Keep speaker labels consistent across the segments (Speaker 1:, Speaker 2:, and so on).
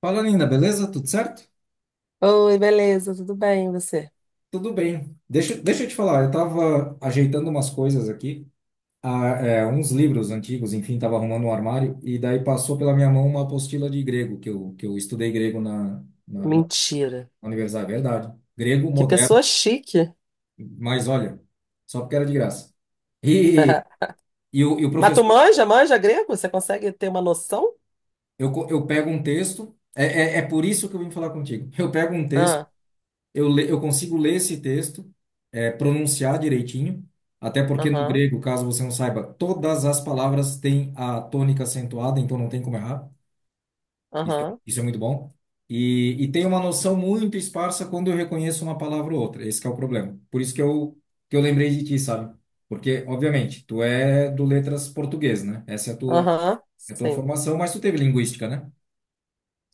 Speaker 1: Fala, Nina, beleza? Tudo certo?
Speaker 2: Oi, beleza, tudo bem, e você?
Speaker 1: Tudo bem. Deixa eu te falar, eu tava ajeitando umas coisas aqui, uns livros antigos, enfim, tava arrumando um armário, e daí passou pela minha mão uma apostila de grego, que eu estudei grego na
Speaker 2: Mentira.
Speaker 1: universidade. Verdade. Grego
Speaker 2: Que
Speaker 1: moderno,
Speaker 2: pessoa chique.
Speaker 1: mas olha, só porque era de graça. E, e o
Speaker 2: Mas tu
Speaker 1: professor,
Speaker 2: manja, manja grego? Você consegue ter uma noção?
Speaker 1: eu pego um texto. É por isso que eu vim falar contigo. Eu pego um texto.
Speaker 2: Ah,
Speaker 1: Eu consigo ler esse texto, pronunciar direitinho, até porque no
Speaker 2: aham,
Speaker 1: grego, caso você não saiba, todas as palavras têm a tônica acentuada, então não tem como errar. Isso, é-
Speaker 2: aham,
Speaker 1: isso é muito bom. E tem uma noção muito esparsa quando eu reconheço uma palavra ou outra. Esse que é o problema. Por isso que eu lembrei de ti, sabe? Porque, obviamente, tu é do letras português, né? Essa é a tua,
Speaker 2: aham,
Speaker 1: é a tua
Speaker 2: sim.
Speaker 1: formação, mas tu teve linguística, né?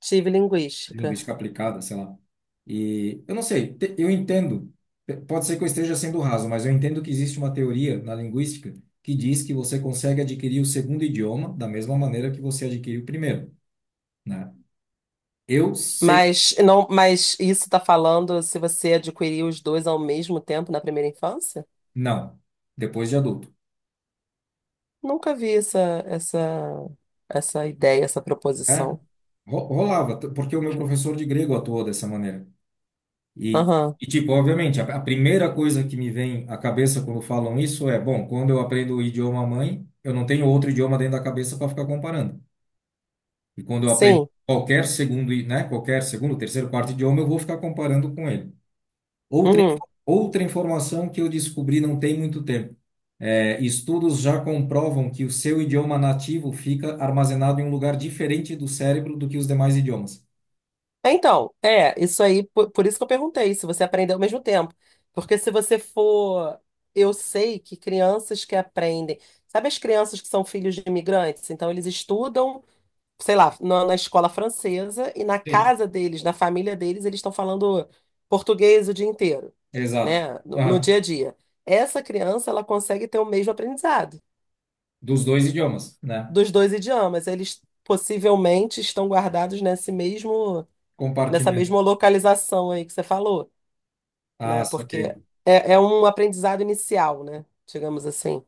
Speaker 2: Tive linguística.
Speaker 1: Linguística aplicada, sei lá. E eu não sei, eu entendo, pode ser que eu esteja sendo raso, mas eu entendo que existe uma teoria na linguística que diz que você consegue adquirir o segundo idioma da mesma maneira que você adquiriu o primeiro, né? Eu sempre.
Speaker 2: Mas não, mas isso tá falando se você adquiriu os dois ao mesmo tempo na primeira infância?
Speaker 1: Não, depois de adulto.
Speaker 2: Nunca vi essa essa ideia, essa
Speaker 1: É,
Speaker 2: proposição.
Speaker 1: rolava, porque o meu professor de grego atuou dessa maneira. E,
Speaker 2: Aham.
Speaker 1: e tipo, obviamente, a primeira coisa que me vem à cabeça quando falam isso é, bom, quando eu aprendo o idioma mãe, eu não tenho outro idioma dentro da cabeça para ficar comparando. E quando eu aprendo
Speaker 2: Sim.
Speaker 1: qualquer segundo, terceiro, quarto idioma, eu vou ficar comparando com ele. Outra,
Speaker 2: Uhum.
Speaker 1: info- outra informação que eu descobri não tem muito tempo. É, estudos já comprovam que o seu idioma nativo fica armazenado em um lugar diferente do cérebro do que os demais idiomas.
Speaker 2: Então, isso aí, por isso que eu perguntei, se você aprendeu ao mesmo tempo. Porque se você for. Eu sei que crianças que aprendem. Sabe as crianças que são filhos de imigrantes? Então, eles estudam, sei lá, na escola francesa e na
Speaker 1: Sim.
Speaker 2: casa deles, na família deles, eles estão falando português o dia inteiro,
Speaker 1: Exato.
Speaker 2: né? No
Speaker 1: Aham.
Speaker 2: dia a dia. Essa criança, ela consegue ter o mesmo aprendizado
Speaker 1: Dos dois idiomas, né?
Speaker 2: dos dois idiomas. Eles possivelmente estão guardados nesse mesmo, nessa
Speaker 1: Compartimento.
Speaker 2: mesma localização aí que você falou.
Speaker 1: Ah,
Speaker 2: Né? Porque
Speaker 1: saquei.
Speaker 2: é, é um aprendizado inicial, né? Digamos assim.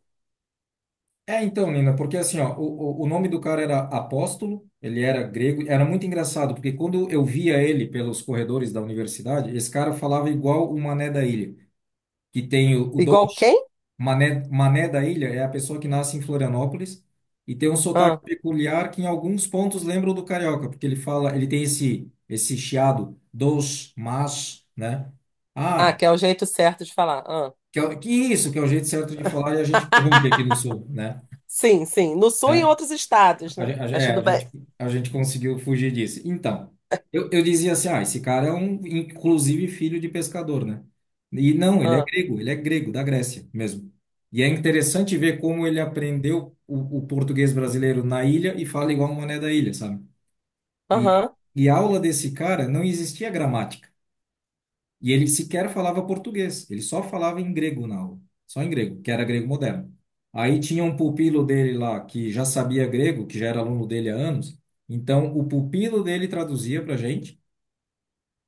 Speaker 1: É, então, Nina, porque assim, ó, o nome do cara era Apóstolo, ele era grego, era muito engraçado, porque quando eu via ele pelos corredores da universidade, esse cara falava igual o Mané da Ilha, que tem o
Speaker 2: Igual
Speaker 1: Dolce.
Speaker 2: quem?
Speaker 1: Mané da Ilha é a pessoa que nasce em Florianópolis e tem um sotaque
Speaker 2: Ah,
Speaker 1: peculiar que em alguns pontos lembra o do carioca, porque ele tem esse chiado, dos, mas, né?
Speaker 2: ah,
Speaker 1: Ah,
Speaker 2: que é o jeito certo de falar. Ah.
Speaker 1: que isso, que é o jeito certo de falar e a gente corrompe aqui no sul, né?
Speaker 2: Sim, sim. No Sul e em
Speaker 1: É,
Speaker 2: outros estados, né?
Speaker 1: A gen-
Speaker 2: Mas
Speaker 1: é,
Speaker 2: tudo bem.
Speaker 1: a gente conseguiu fugir disso. Então, eu dizia assim, esse cara é um, inclusive, filho de pescador, né? E não,
Speaker 2: Ah,
Speaker 1: ele é grego, da Grécia mesmo. E é interessante ver como ele aprendeu o português brasileiro na ilha e fala igual um mané da ilha, sabe? E,
Speaker 2: aham.
Speaker 1: e a aula desse cara não existia gramática. E ele sequer falava português, ele só falava em grego na aula, só em grego, que era grego moderno. Aí tinha um pupilo dele lá que já sabia grego, que já era aluno dele há anos, então o pupilo dele traduzia para gente,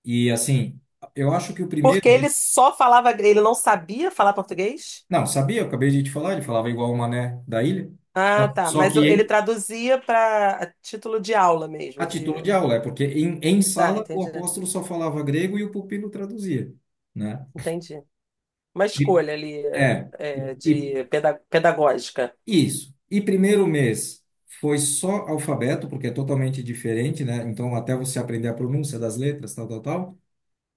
Speaker 1: e assim, eu acho que o primeiro.
Speaker 2: Porque ele só falava, ele não sabia falar português?
Speaker 1: Não, sabia, eu acabei de te falar, ele falava igual o Mané da ilha,
Speaker 2: Ah,
Speaker 1: só,
Speaker 2: tá.
Speaker 1: só
Speaker 2: Mas
Speaker 1: que
Speaker 2: ele traduzia para título de aula
Speaker 1: a
Speaker 2: mesmo,
Speaker 1: título
Speaker 2: de...
Speaker 1: de aula, é porque em
Speaker 2: Tá,
Speaker 1: sala o
Speaker 2: entendi.
Speaker 1: Apóstolo só falava grego e o pupilo traduzia, né?
Speaker 2: Entendi. Uma
Speaker 1: E-
Speaker 2: escolha ali
Speaker 1: É.
Speaker 2: é, de pedagógica.
Speaker 1: Isso. E primeiro mês foi só alfabeto, porque é totalmente diferente, né? Então, até você aprender a pronúncia das letras, tal, tal, tal.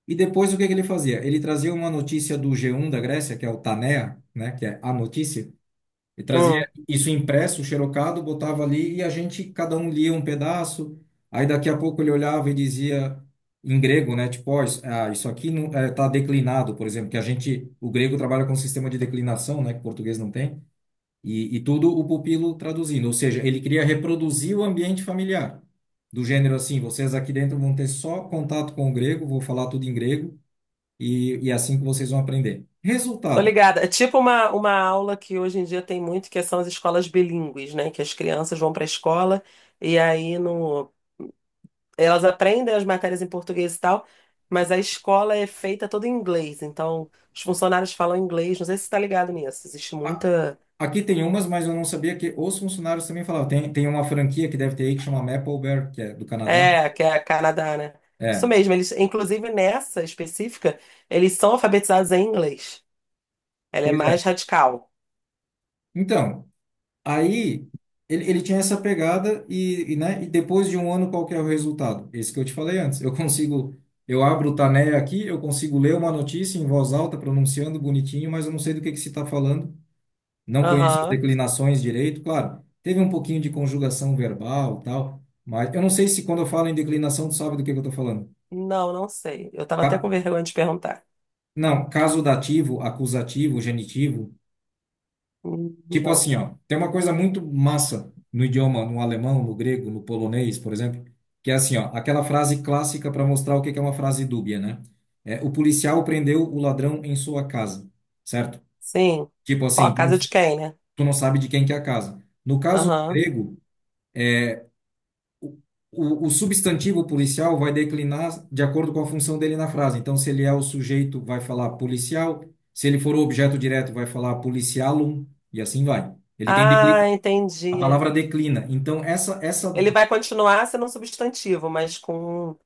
Speaker 1: E depois, o que que ele fazia? Ele trazia uma notícia do G1 da Grécia, que é o Tanea, né? Que é a notícia. E trazia
Speaker 2: Hum.
Speaker 1: isso impresso, xerocado, botava ali e a gente, cada um lia um pedaço. Aí, daqui a pouco, ele olhava e dizia em grego, né? Tipo, ó, isso aqui não, tá declinado, por exemplo, que o grego trabalha com um sistema de declinação, né? Que o português não tem. E tudo o pupilo traduzindo, ou seja, ele queria reproduzir o ambiente familiar, do gênero assim, vocês aqui dentro vão ter só contato com o grego, vou falar tudo em grego, e é assim que vocês vão aprender.
Speaker 2: Tô
Speaker 1: Resultado,
Speaker 2: ligada. É tipo uma aula que hoje em dia tem muito, que são as escolas bilíngues, né? Que as crianças vão para a escola e aí no... elas aprendem as matérias em português e tal, mas a escola é feita toda em inglês. Então, os funcionários falam inglês. Não sei se você tá ligado nisso. Existe
Speaker 1: a-
Speaker 2: muita.
Speaker 1: aqui tem umas, mas eu não sabia que os funcionários também falavam, tem uma franquia que deve ter aí que chama Maplebear, que é do Canadá,
Speaker 2: É, que é a Canadá, né? Isso
Speaker 1: é,
Speaker 2: mesmo. Eles, inclusive nessa específica, eles são alfabetizados em inglês. Ela é
Speaker 1: pois é.
Speaker 2: mais radical.
Speaker 1: Então, aí ele tinha essa pegada e depois de um ano qual que é o resultado? Esse que eu te falei antes. Eu consigo, eu abro o Taneia aqui, eu consigo ler uma notícia em voz alta, pronunciando bonitinho, mas eu não sei do que se está falando, não conheço as
Speaker 2: Aham.
Speaker 1: declinações direito, claro. Teve um pouquinho de conjugação verbal, tal, mas eu não sei se quando eu falo em declinação tu sabe do que eu estou falando.
Speaker 2: Não, não sei. Eu tava até com
Speaker 1: Ca-
Speaker 2: vergonha de perguntar.
Speaker 1: Não, caso dativo, acusativo, genitivo. Tipo
Speaker 2: Não.
Speaker 1: assim, ó, tem uma coisa muito massa no idioma, no alemão, no grego, no polonês, por exemplo, que é assim, ó, aquela frase clássica para mostrar o que que é uma frase dúbia, né? É, o policial prendeu o ladrão em sua casa, certo?
Speaker 2: Sim.
Speaker 1: Tipo
Speaker 2: Qual
Speaker 1: assim,
Speaker 2: a
Speaker 1: tu não,
Speaker 2: casa de quem, né?
Speaker 1: tu não sabe de quem que é a casa. No caso do
Speaker 2: Aham.
Speaker 1: grego, o, o substantivo policial vai declinar de acordo com a função dele na frase. Então, se ele é o sujeito, vai falar policial. Se ele for o objeto direto, vai falar policialum, e assim vai. Ele tem declinações.
Speaker 2: Ah,
Speaker 1: A
Speaker 2: entendi.
Speaker 1: palavra declina. Então, essa
Speaker 2: Ele vai continuar sendo um substantivo, mas com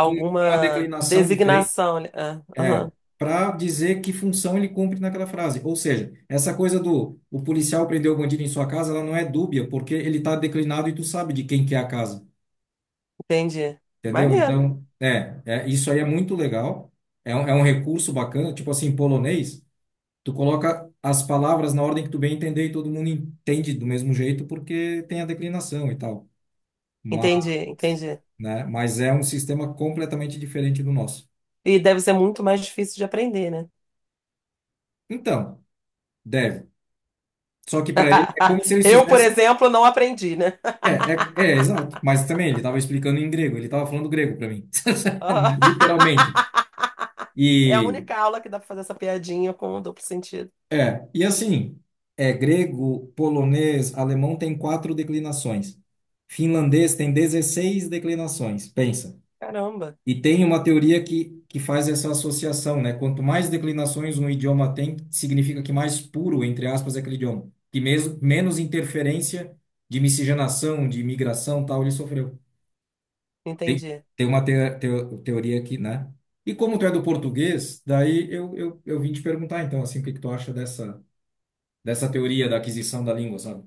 Speaker 1: com uma declinação diferente
Speaker 2: designação. Né? Ah,
Speaker 1: é
Speaker 2: aham,
Speaker 1: para dizer que função ele cumpre naquela frase. Ou seja, essa coisa do o policial prendeu o bandido em sua casa, ela não é dúbia, porque ele está declinado e tu sabe de quem que é a casa.
Speaker 2: entendi.
Speaker 1: Entendeu?
Speaker 2: Maneiro.
Speaker 1: Então, é isso aí é muito legal. É um recurso bacana. Tipo assim, em polonês, tu coloca as palavras na ordem que tu bem entender e todo mundo entende do mesmo jeito, porque tem a declinação e tal. Mas,
Speaker 2: Entendi, entendi.
Speaker 1: né, mas é um sistema completamente diferente do nosso.
Speaker 2: E deve ser muito mais difícil de aprender, né?
Speaker 1: Então, deve. Só que para ele é como se eles
Speaker 2: Eu, por
Speaker 1: fizessem.
Speaker 2: exemplo, não aprendi, né?
Speaker 1: É, é, é, exato. Mas também ele estava explicando em grego, ele estava falando grego para mim, né? Literalmente.
Speaker 2: Ah, é a
Speaker 1: E
Speaker 2: única aula que dá pra fazer essa piadinha com duplo sentido.
Speaker 1: e assim, é grego, polonês, alemão tem quatro declinações. Finlandês tem 16 declinações. Pensa.
Speaker 2: Caramba,
Speaker 1: E tem uma teoria que faz essa associação, né? Quanto mais declinações um idioma tem, significa que mais puro, entre aspas, é aquele idioma. Que mesmo, menos interferência de miscigenação, de imigração, tal, ele sofreu. Tem,
Speaker 2: entendi.
Speaker 1: tem uma teoria aqui, né? E como tu é do português, daí eu vim te perguntar, então, assim, o que que tu acha dessa, dessa teoria da aquisição da língua, sabe?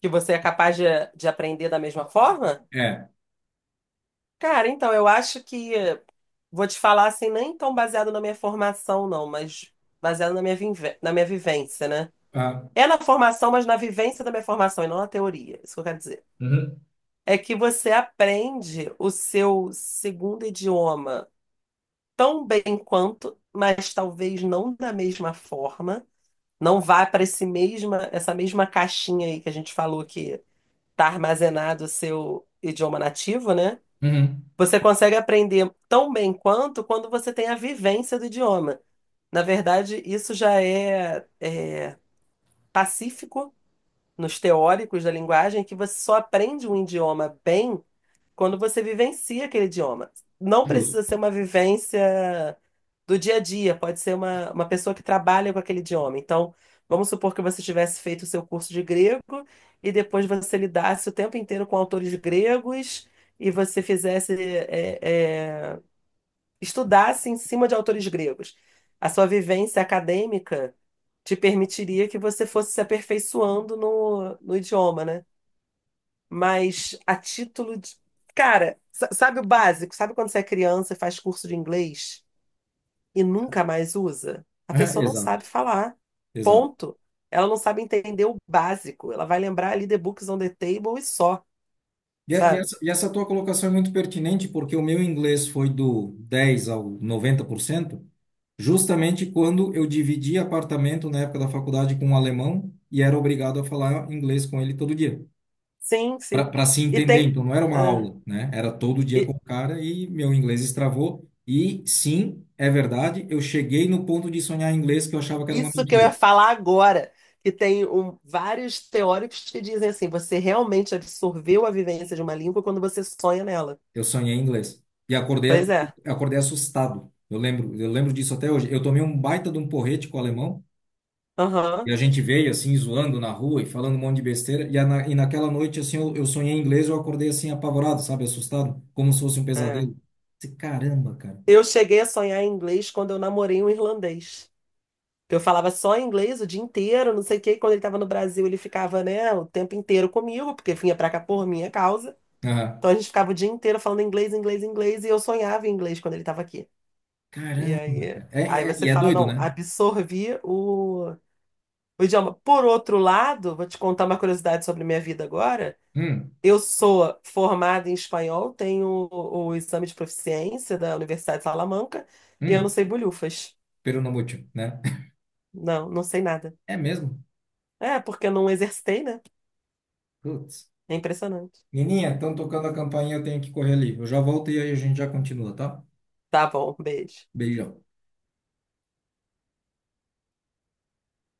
Speaker 2: Que você é capaz de aprender da mesma forma?
Speaker 1: É.
Speaker 2: Cara, então, eu acho que, vou te falar assim, nem tão baseado na minha formação, não, mas baseado na minha, na minha vivência, né?
Speaker 1: Ah,
Speaker 2: É na formação, mas na vivência da minha formação e não na teoria, isso que eu quero dizer.
Speaker 1: Uhum.
Speaker 2: É que você aprende o seu segundo idioma tão bem quanto, mas talvez não da mesma forma, não vá para esse mesma, essa mesma caixinha aí que a gente falou que tá armazenado o seu idioma nativo, né?
Speaker 1: Uhum.
Speaker 2: Você consegue aprender tão bem quanto quando você tem a vivência do idioma. Na verdade, isso já é, é pacífico nos teóricos da linguagem, que você só aprende um idioma bem quando você vivencia aquele idioma. Não
Speaker 1: Justo.
Speaker 2: precisa ser uma vivência do dia a dia, pode ser uma pessoa que trabalha com aquele idioma. Então, vamos supor que você tivesse feito o seu curso de grego e depois você lidasse o tempo inteiro com autores gregos e você fizesse. É, é, estudasse em cima de autores gregos. A sua vivência acadêmica te permitiria que você fosse se aperfeiçoando no, no idioma, né? Mas a título de. Cara, sabe o básico? Sabe quando você é criança e faz curso de inglês e nunca mais usa? A pessoa não
Speaker 1: Exato,
Speaker 2: sabe falar.
Speaker 1: exato.
Speaker 2: Ponto. Ela não sabe entender o básico. Ela vai lembrar ali The Books on the Table e só,
Speaker 1: E, a- e
Speaker 2: sabe?
Speaker 1: essa, e essa tua colocação é muito pertinente, porque o meu inglês foi do 10% ao 90%, justamente quando eu dividi apartamento na época da faculdade com um alemão e era obrigado a falar inglês com ele todo dia,
Speaker 2: Sim, sim.
Speaker 1: para se
Speaker 2: E
Speaker 1: entender.
Speaker 2: tem.
Speaker 1: Então não era uma
Speaker 2: ah,
Speaker 1: aula, né? Era todo dia com
Speaker 2: e-
Speaker 1: o cara e meu inglês estravou. E sim, é verdade, eu cheguei no ponto de sonhar em inglês que eu achava que era uma
Speaker 2: Isso que eu
Speaker 1: mentira.
Speaker 2: ia falar agora, que tem vários teóricos que dizem assim, você realmente absorveu a vivência de uma língua quando você sonha nela.
Speaker 1: Eu sonhei em inglês. E acordei,
Speaker 2: Pois é.
Speaker 1: acordei assustado. Eu lembro disso até hoje. Eu tomei um baita de um porrete com o alemão e
Speaker 2: Aham.
Speaker 1: a gente veio assim zoando na rua e falando um monte de besteira. E naquela noite assim eu sonhei em inglês, e eu acordei assim apavorado, sabe, assustado, como se fosse um
Speaker 2: É.
Speaker 1: pesadelo. Disse, caramba, cara.
Speaker 2: Eu cheguei a sonhar em inglês quando eu namorei um irlandês. Eu falava só inglês o dia inteiro, não sei o quê. E quando ele estava no Brasil, ele ficava, né, o tempo inteiro comigo, porque vinha pra cá por minha causa.
Speaker 1: Aham.
Speaker 2: Então a gente ficava o dia inteiro falando inglês, inglês, inglês, e eu sonhava em inglês quando ele estava aqui. E
Speaker 1: Caramba,
Speaker 2: aí,
Speaker 1: cara.
Speaker 2: aí
Speaker 1: É, é-
Speaker 2: você
Speaker 1: e é
Speaker 2: fala,
Speaker 1: doido,
Speaker 2: não,
Speaker 1: né?
Speaker 2: absorvi o idioma. Por outro lado, vou te contar uma curiosidade sobre minha vida agora.
Speaker 1: Hum,
Speaker 2: Eu sou formada em espanhol, tenho o exame de proficiência da Universidade de Salamanca e eu não
Speaker 1: hum,
Speaker 2: sei bolhufas.
Speaker 1: pero no mucho, né?
Speaker 2: Não, não sei nada.
Speaker 1: É mesmo?
Speaker 2: É, porque eu não exercitei, né?
Speaker 1: Putz.
Speaker 2: É impressionante.
Speaker 1: Nininha, estão tocando a campainha, eu tenho que correr ali. Eu já volto e aí a gente já continua, tá?
Speaker 2: Tá bom, beijo.
Speaker 1: Beijão.